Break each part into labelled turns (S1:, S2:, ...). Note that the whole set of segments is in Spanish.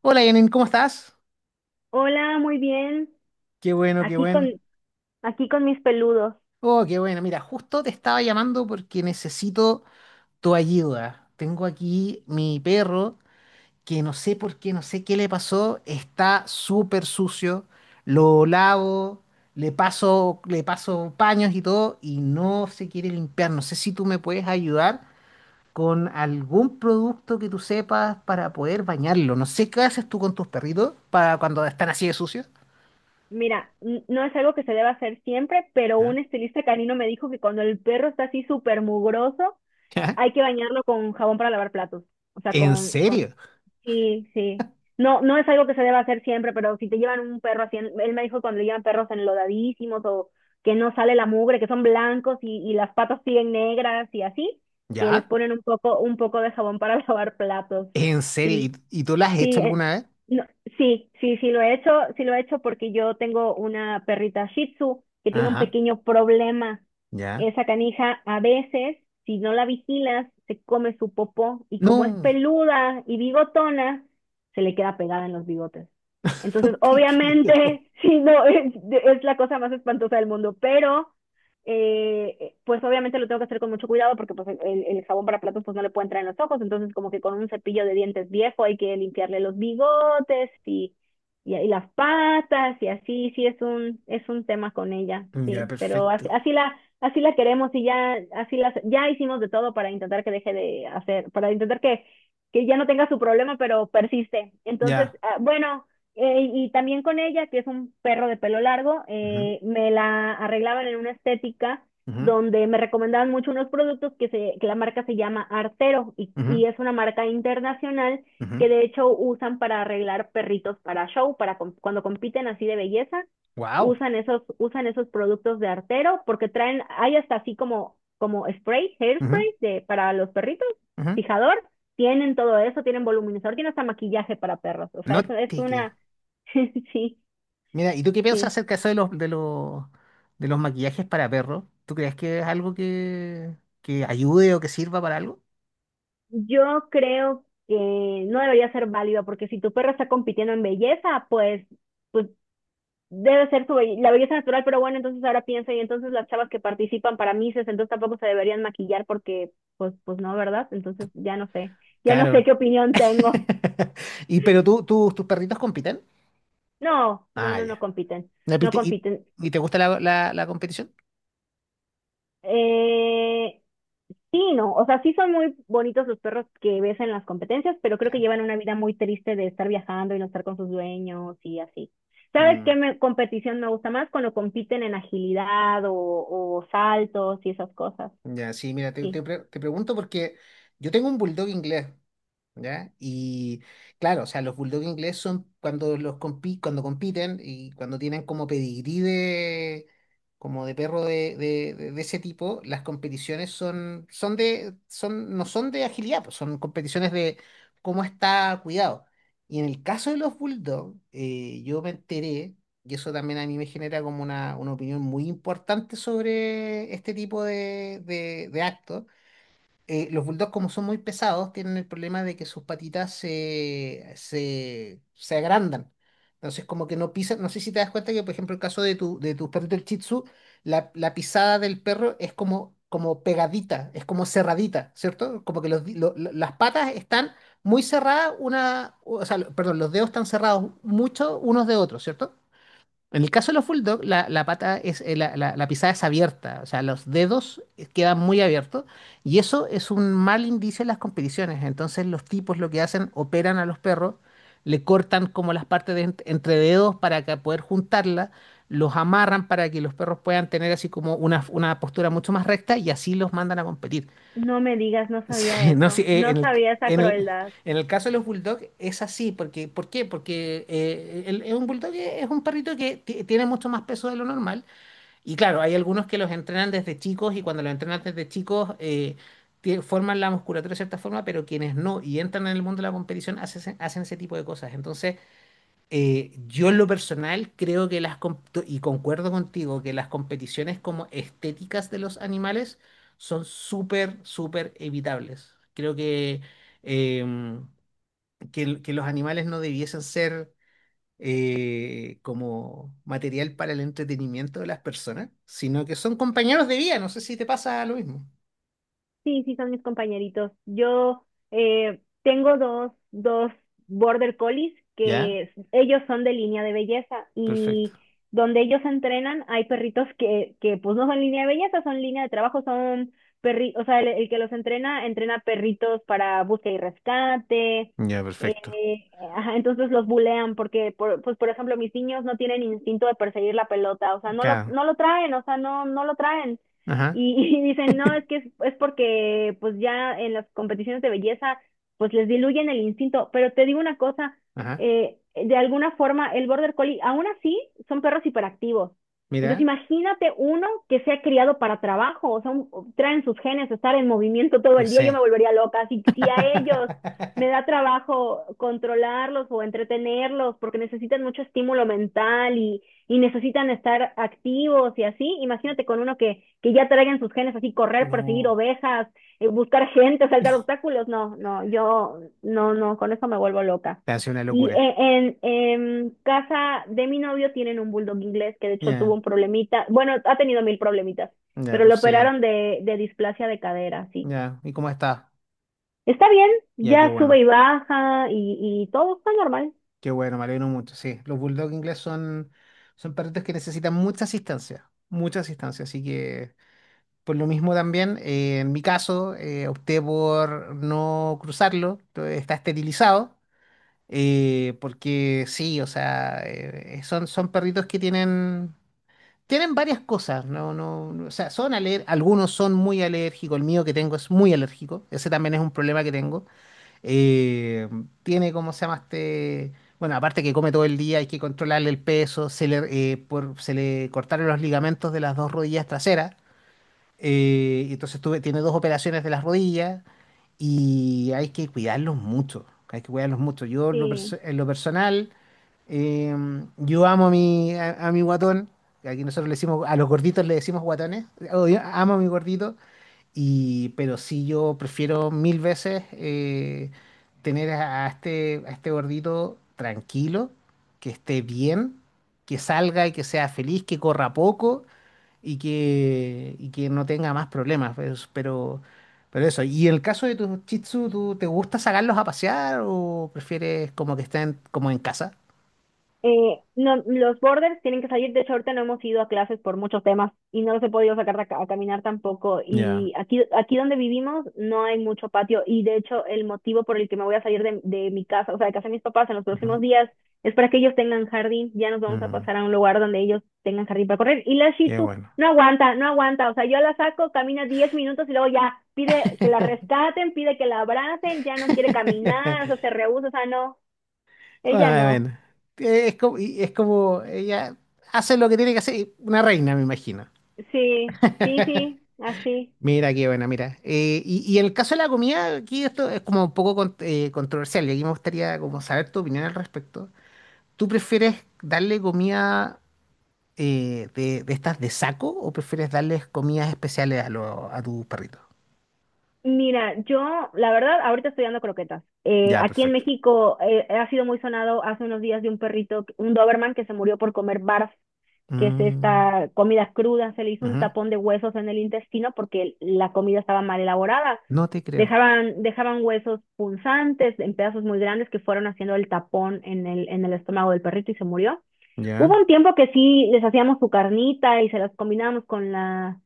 S1: Hola Yanin, ¿cómo estás?
S2: Hola, muy bien.
S1: Qué bueno, qué
S2: Aquí con,
S1: bueno.
S2: Aquí con mis peludos.
S1: Oh, qué bueno. Mira, justo te estaba llamando porque necesito tu ayuda. Tengo aquí mi perro que no sé por qué, no sé qué le pasó. Está súper sucio. Lo lavo, le paso paños y todo y no se quiere limpiar. No sé si tú me puedes ayudar con algún producto que tú sepas para poder bañarlo. No sé qué haces tú con tus perritos para cuando están así de sucios.
S2: Mira, no es algo que se deba hacer siempre, pero
S1: ¿Ah?
S2: un estilista canino me dijo que cuando el perro está así súper mugroso, hay que bañarlo con jabón para lavar platos. O sea,
S1: ¿En serio?
S2: sí, sí. No, no es algo que se deba hacer siempre, pero si te llevan un perro así, él me dijo cuando le llevan perros enlodadísimos o que no sale la mugre, que son blancos y las patas siguen negras y así, que les
S1: ¿Ya?
S2: ponen un poco de jabón para lavar platos.
S1: ¿En serio?
S2: Sí,
S1: ¿Y tú las has
S2: sí,
S1: hecho alguna vez?
S2: no, sí, sí, sí lo he hecho, sí lo he hecho porque yo tengo una perrita Shih Tzu que tiene un
S1: Ajá,
S2: pequeño problema.
S1: ya.
S2: Esa canija a veces, si no la vigilas, se come su popó y como es
S1: No,
S2: peluda y bigotona, se le queda pegada en los bigotes.
S1: no
S2: Entonces,
S1: te creo.
S2: obviamente, sí, no, es la cosa más espantosa del mundo, pero pues obviamente lo tengo que hacer con mucho cuidado porque pues el jabón para platos pues no le puede entrar en los ojos, entonces como que con un cepillo de dientes viejo hay que limpiarle los bigotes y las patas y así, sí es un tema con ella,
S1: Ya,
S2: sí, pero
S1: perfecto.
S2: así la queremos y ya, ya hicimos de todo para intentar que deje de hacer, para intentar que ya no tenga su problema, pero persiste. Entonces,
S1: Ya.
S2: bueno, y también con ella, que es un perro de pelo largo, me la arreglaban en una estética donde me recomendaban mucho unos productos que la marca se llama Artero y es una marca internacional que de hecho usan para arreglar perritos para show, para cuando compiten así de belleza,
S1: Wow.
S2: usan esos productos de Artero porque traen, hay hasta así como, como spray, hairspray de, para los perritos, fijador, tienen todo eso, tienen voluminizador, tienen hasta maquillaje para perros, o sea,
S1: No
S2: eso es
S1: te creo.
S2: una sí,
S1: Mira, ¿y tú qué piensas
S2: sí.
S1: acerca de eso de los maquillajes para perros? ¿Tú crees que es algo que ayude o que sirva para algo?
S2: Yo creo que no debería ser válida porque si tu perro está compitiendo en belleza, pues, pues debe ser su la belleza natural, pero bueno, entonces ahora pienso, y entonces las chavas que participan para Misses entonces tampoco se deberían maquillar porque, pues no, ¿verdad? Entonces ya no sé
S1: Claro.
S2: qué opinión tengo.
S1: ¿Y pero tus perritos compiten?
S2: No, no,
S1: Ah,
S2: no, no
S1: ya.
S2: compiten,
S1: ¿Y,
S2: no
S1: te y-
S2: compiten.
S1: y te gusta la competición?
S2: Eh, Sí, no, o sea, sí son muy bonitos los perros que ves en las competencias, pero creo que
S1: Ya.
S2: llevan una vida muy triste de estar viajando y no estar con sus dueños y así. ¿Sabes qué
S1: Mm.
S2: competición me gusta más? Cuando compiten en agilidad o saltos y esas cosas.
S1: Ya, sí, mira,
S2: Sí.
S1: te pregunto porque yo tengo un bulldog inglés. ¿Ya? Y claro, o sea, los bulldog inglés son cuando cuando compiten y cuando tienen como pedigrí de como de perro de ese tipo, las competiciones no son de agilidad, pues, son competiciones de cómo está cuidado. Y en el caso de los bulldog, yo me enteré, y eso también a mí me genera como una opinión muy importante sobre este tipo de, de actos los bulldogs, como son muy pesados, tienen el problema de que sus patitas se agrandan. Entonces, como que no pisan. No sé si te das cuenta que, por ejemplo, el caso de tu perrito el Shih Tzu, la pisada del perro es como, como pegadita, es como cerradita, ¿cierto? Como que los, las patas están muy cerradas, una, o sea, perdón, los dedos están cerrados mucho unos de otros, ¿cierto? En el caso de los bulldog, la pata es, la pisada es abierta, o sea, los dedos quedan muy abiertos y eso es un mal indicio en las competiciones. Entonces los tipos lo que hacen, operan a los perros, le cortan como las partes de entre dedos para que poder juntarlas, los amarran para que los perros puedan tener así como una postura mucho más recta y así los mandan a competir.
S2: No me digas, no sabía
S1: Sí, no,
S2: eso.
S1: sí,
S2: No sabía esa crueldad.
S1: en el caso de los bulldogs es así, porque, ¿por qué? Porque un bulldog es un perrito que tiene mucho más peso de lo normal y claro, hay algunos que los entrenan desde chicos y cuando los entrenan desde chicos forman la musculatura de cierta forma, pero quienes no y entran en el mundo de la competición hacen, hacen ese tipo de cosas. Entonces, yo en lo personal creo que y concuerdo contigo, que las competiciones como estéticas de los animales son súper, súper evitables. Creo que, em, que, que los animales no debiesen ser como material para el entretenimiento de las personas, sino que son compañeros de vida. No sé si te pasa lo mismo.
S2: Sí, sí, son mis compañeritos. Yo tengo dos border collies
S1: Ya,
S2: que ellos son de línea de belleza
S1: perfecto.
S2: y donde ellos entrenan hay perritos que pues no son línea de belleza, son línea de trabajo, son perri, o sea, el que los entrena, entrena perritos para búsqueda y rescate.
S1: Ya, perfecto.
S2: Ajá, entonces los bulean porque, pues por ejemplo, mis niños no tienen instinto de perseguir la pelota, o sea, no lo,
S1: Claro.
S2: no lo traen, o sea, no, no lo traen
S1: Ajá,
S2: y, y dicen, no, es que es porque pues ya en las competiciones de belleza pues les diluyen el instinto, pero te digo una cosa,
S1: ajá.
S2: de alguna forma el border collie, aún así son perros hiperactivos. Entonces
S1: Mira,
S2: imagínate uno que sea criado para trabajo, o sea, un, traen sus genes, estar en movimiento todo
S1: pues
S2: el día, yo
S1: sí.
S2: me volvería loca. Si a ellos me da trabajo controlarlos o entretenerlos porque necesitan mucho estímulo mental y necesitan estar activos y así. Imagínate con uno que, ya traigan sus genes así, correr, perseguir
S1: No.
S2: ovejas, buscar gente, saltar obstáculos. No, no, yo no, no, con eso me vuelvo loca.
S1: Te hace una
S2: Y
S1: locura.
S2: en, casa de mi novio tienen un bulldog inglés que de hecho tuvo
S1: Ya,
S2: un problemita. Bueno, ha tenido mil problemitas,
S1: ya,
S2: pero lo
S1: pues sí.
S2: operaron de displasia de cadera, sí.
S1: Ya, ¿y cómo está?
S2: Está bien,
S1: Ya, qué
S2: ya sube
S1: bueno.
S2: y baja y todo está normal.
S1: Qué bueno, me alegro mucho. Sí, los bulldog inglés son, son perritos que necesitan mucha asistencia. Mucha asistencia. Así que, por lo mismo también, en mi caso, opté por no cruzarlo. Está esterilizado. Porque sí, o sea, son, son perritos que tienen. Tienen varias cosas, no, no, no, o sea, son algunos son muy alérgicos, el mío que tengo es muy alérgico, ese también es un problema que tengo. Eh, Tiene, ¿cómo se llama este? Bueno, aparte que come todo el día, hay que controlarle el peso, se le, se le cortaron los ligamentos de las dos rodillas traseras, y entonces tiene dos operaciones de las rodillas y hay que cuidarlos mucho, hay que cuidarlos mucho. Yo
S2: Sí,
S1: en lo personal... Eh, yo amo a mi, a mi guatón. Que aquí nosotros le decimos, a los gorditos le decimos guatones. Oh, yo amo a mi gordito. Y, pero sí, yo prefiero mil veces tener a este gordito tranquilo, que esté bien, que salga y que sea feliz, que corra poco y que no tenga más problemas. Pues, pero eso. Y en el caso de tus Shih Tzu, ¿tú te gusta sacarlos a pasear o prefieres como que estén como en casa?
S2: No, los borders tienen que salir. De hecho, ahorita no hemos ido a clases por muchos temas y no los he podido sacar a, a caminar tampoco.
S1: Ya.
S2: Y aquí donde vivimos no hay mucho patio. Y de hecho, el motivo por el que me voy a salir de mi casa, o sea, de casa de mis papás en los
S1: Ujú.
S2: próximos días, es para que ellos tengan jardín. Ya nos vamos a
S1: Mm,
S2: pasar a un lugar donde ellos tengan jardín para correr. Y la Shih
S1: qué
S2: Tzu
S1: bueno.
S2: no aguanta, no aguanta. O sea, yo la saco, camina 10 minutos y luego ya pide que la rescaten, pide que la abracen, ya no quiere caminar, o sea, se rehúsa, o sea, no, ella
S1: Ah,
S2: no.
S1: bueno, es como, y es como ella hace lo que tiene que hacer, y una reina, me imagino.
S2: Sí, sí, sí, así.
S1: Mira, qué buena, mira. Y en el caso de la comida, aquí esto es como un poco controversial y aquí me gustaría como saber tu opinión al respecto. ¿Tú prefieres darle comida de estas de saco o prefieres darles comidas especiales a, a tus perritos?
S2: Mira, yo, la verdad, ahorita estoy dando croquetas.
S1: Ya,
S2: Aquí en
S1: perfecto.
S2: México ha sido muy sonado hace unos días de un perrito, un Doberman, que se murió por comer barf, que es
S1: Mm,
S2: esta comida cruda. Se le hizo un
S1: ujú.
S2: tapón de huesos en el intestino porque la comida estaba mal elaborada.
S1: No te creo.
S2: Dejaban, dejaban huesos punzantes en pedazos muy grandes que fueron haciendo el tapón en el, estómago del perrito y se murió.
S1: Ya.
S2: Hubo un tiempo que sí les hacíamos su carnita y se las combinábamos con la,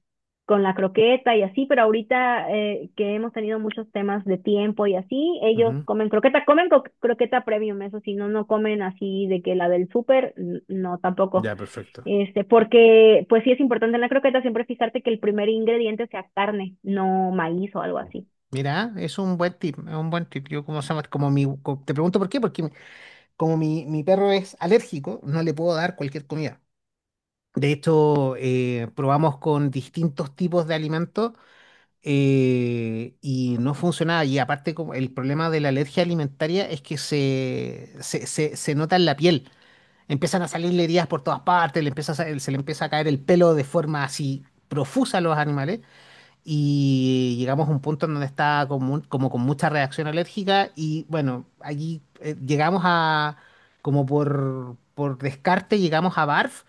S2: con la croqueta y así, pero ahorita que hemos tenido muchos temas de tiempo y así, ellos comen croqueta, comen croqueta premium, eso sí, no, no comen así de que la del súper, no, tampoco.
S1: Ya, perfecto.
S2: Este, porque pues sí es importante en la croqueta siempre fijarte que el primer ingrediente sea carne, no maíz o algo así.
S1: Mira, es un buen tip, es un buen tip. Yo como se llama, como mi, te pregunto por qué, porque como mi perro es alérgico, no le puedo dar cualquier comida. De hecho, probamos con distintos tipos de alimentos y no funcionaba. Y aparte, como el problema de la alergia alimentaria es que se nota en la piel. Empiezan a salirle heridas por todas partes, le empieza a se le empieza a caer el pelo de forma así profusa a los animales. Y llegamos a un punto en donde estaba como, como con mucha reacción alérgica y bueno, allí llegamos a, como por descarte, llegamos a Barf,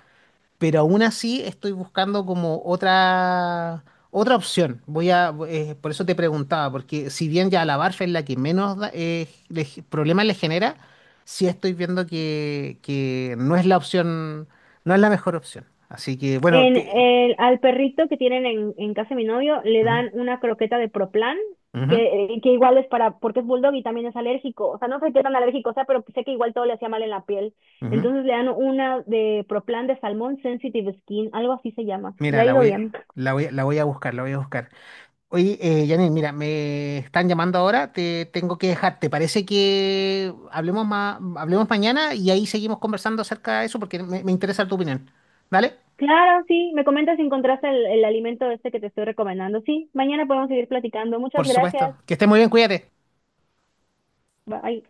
S1: pero aún así estoy buscando como otra, otra opción. Voy a, por eso te preguntaba, porque si bien ya la Barf es la que menos problemas le genera, sí estoy viendo que no es la opción, no es la mejor opción. Así que bueno, te...
S2: Al perrito que tienen en casa de mi novio le
S1: Ujú,
S2: dan una croqueta de Proplan,
S1: ujú,
S2: que igual es para, porque es bulldog y también es alérgico. O sea, no sé qué tan alérgico sea, pero sé que igual todo le hacía mal en la piel.
S1: ujú.
S2: Entonces le dan una de Proplan de Salmón Sensitive Skin, algo así se llama. Le
S1: Mira,
S2: ha
S1: la
S2: ido
S1: voy a,
S2: bien.
S1: la voy a, la voy a buscar, la voy a buscar. Oye, Janine, mira, me están llamando ahora, te tengo que dejar. ¿Te parece que hablemos hablemos mañana y ahí seguimos conversando acerca de eso porque me interesa tu opinión? ¿Vale?
S2: Claro, sí, me comentas si encontraste el alimento este que te estoy recomendando. Sí, mañana podemos seguir platicando. Muchas
S1: Por supuesto.
S2: gracias.
S1: Que estés muy bien, cuídate.
S2: Bye.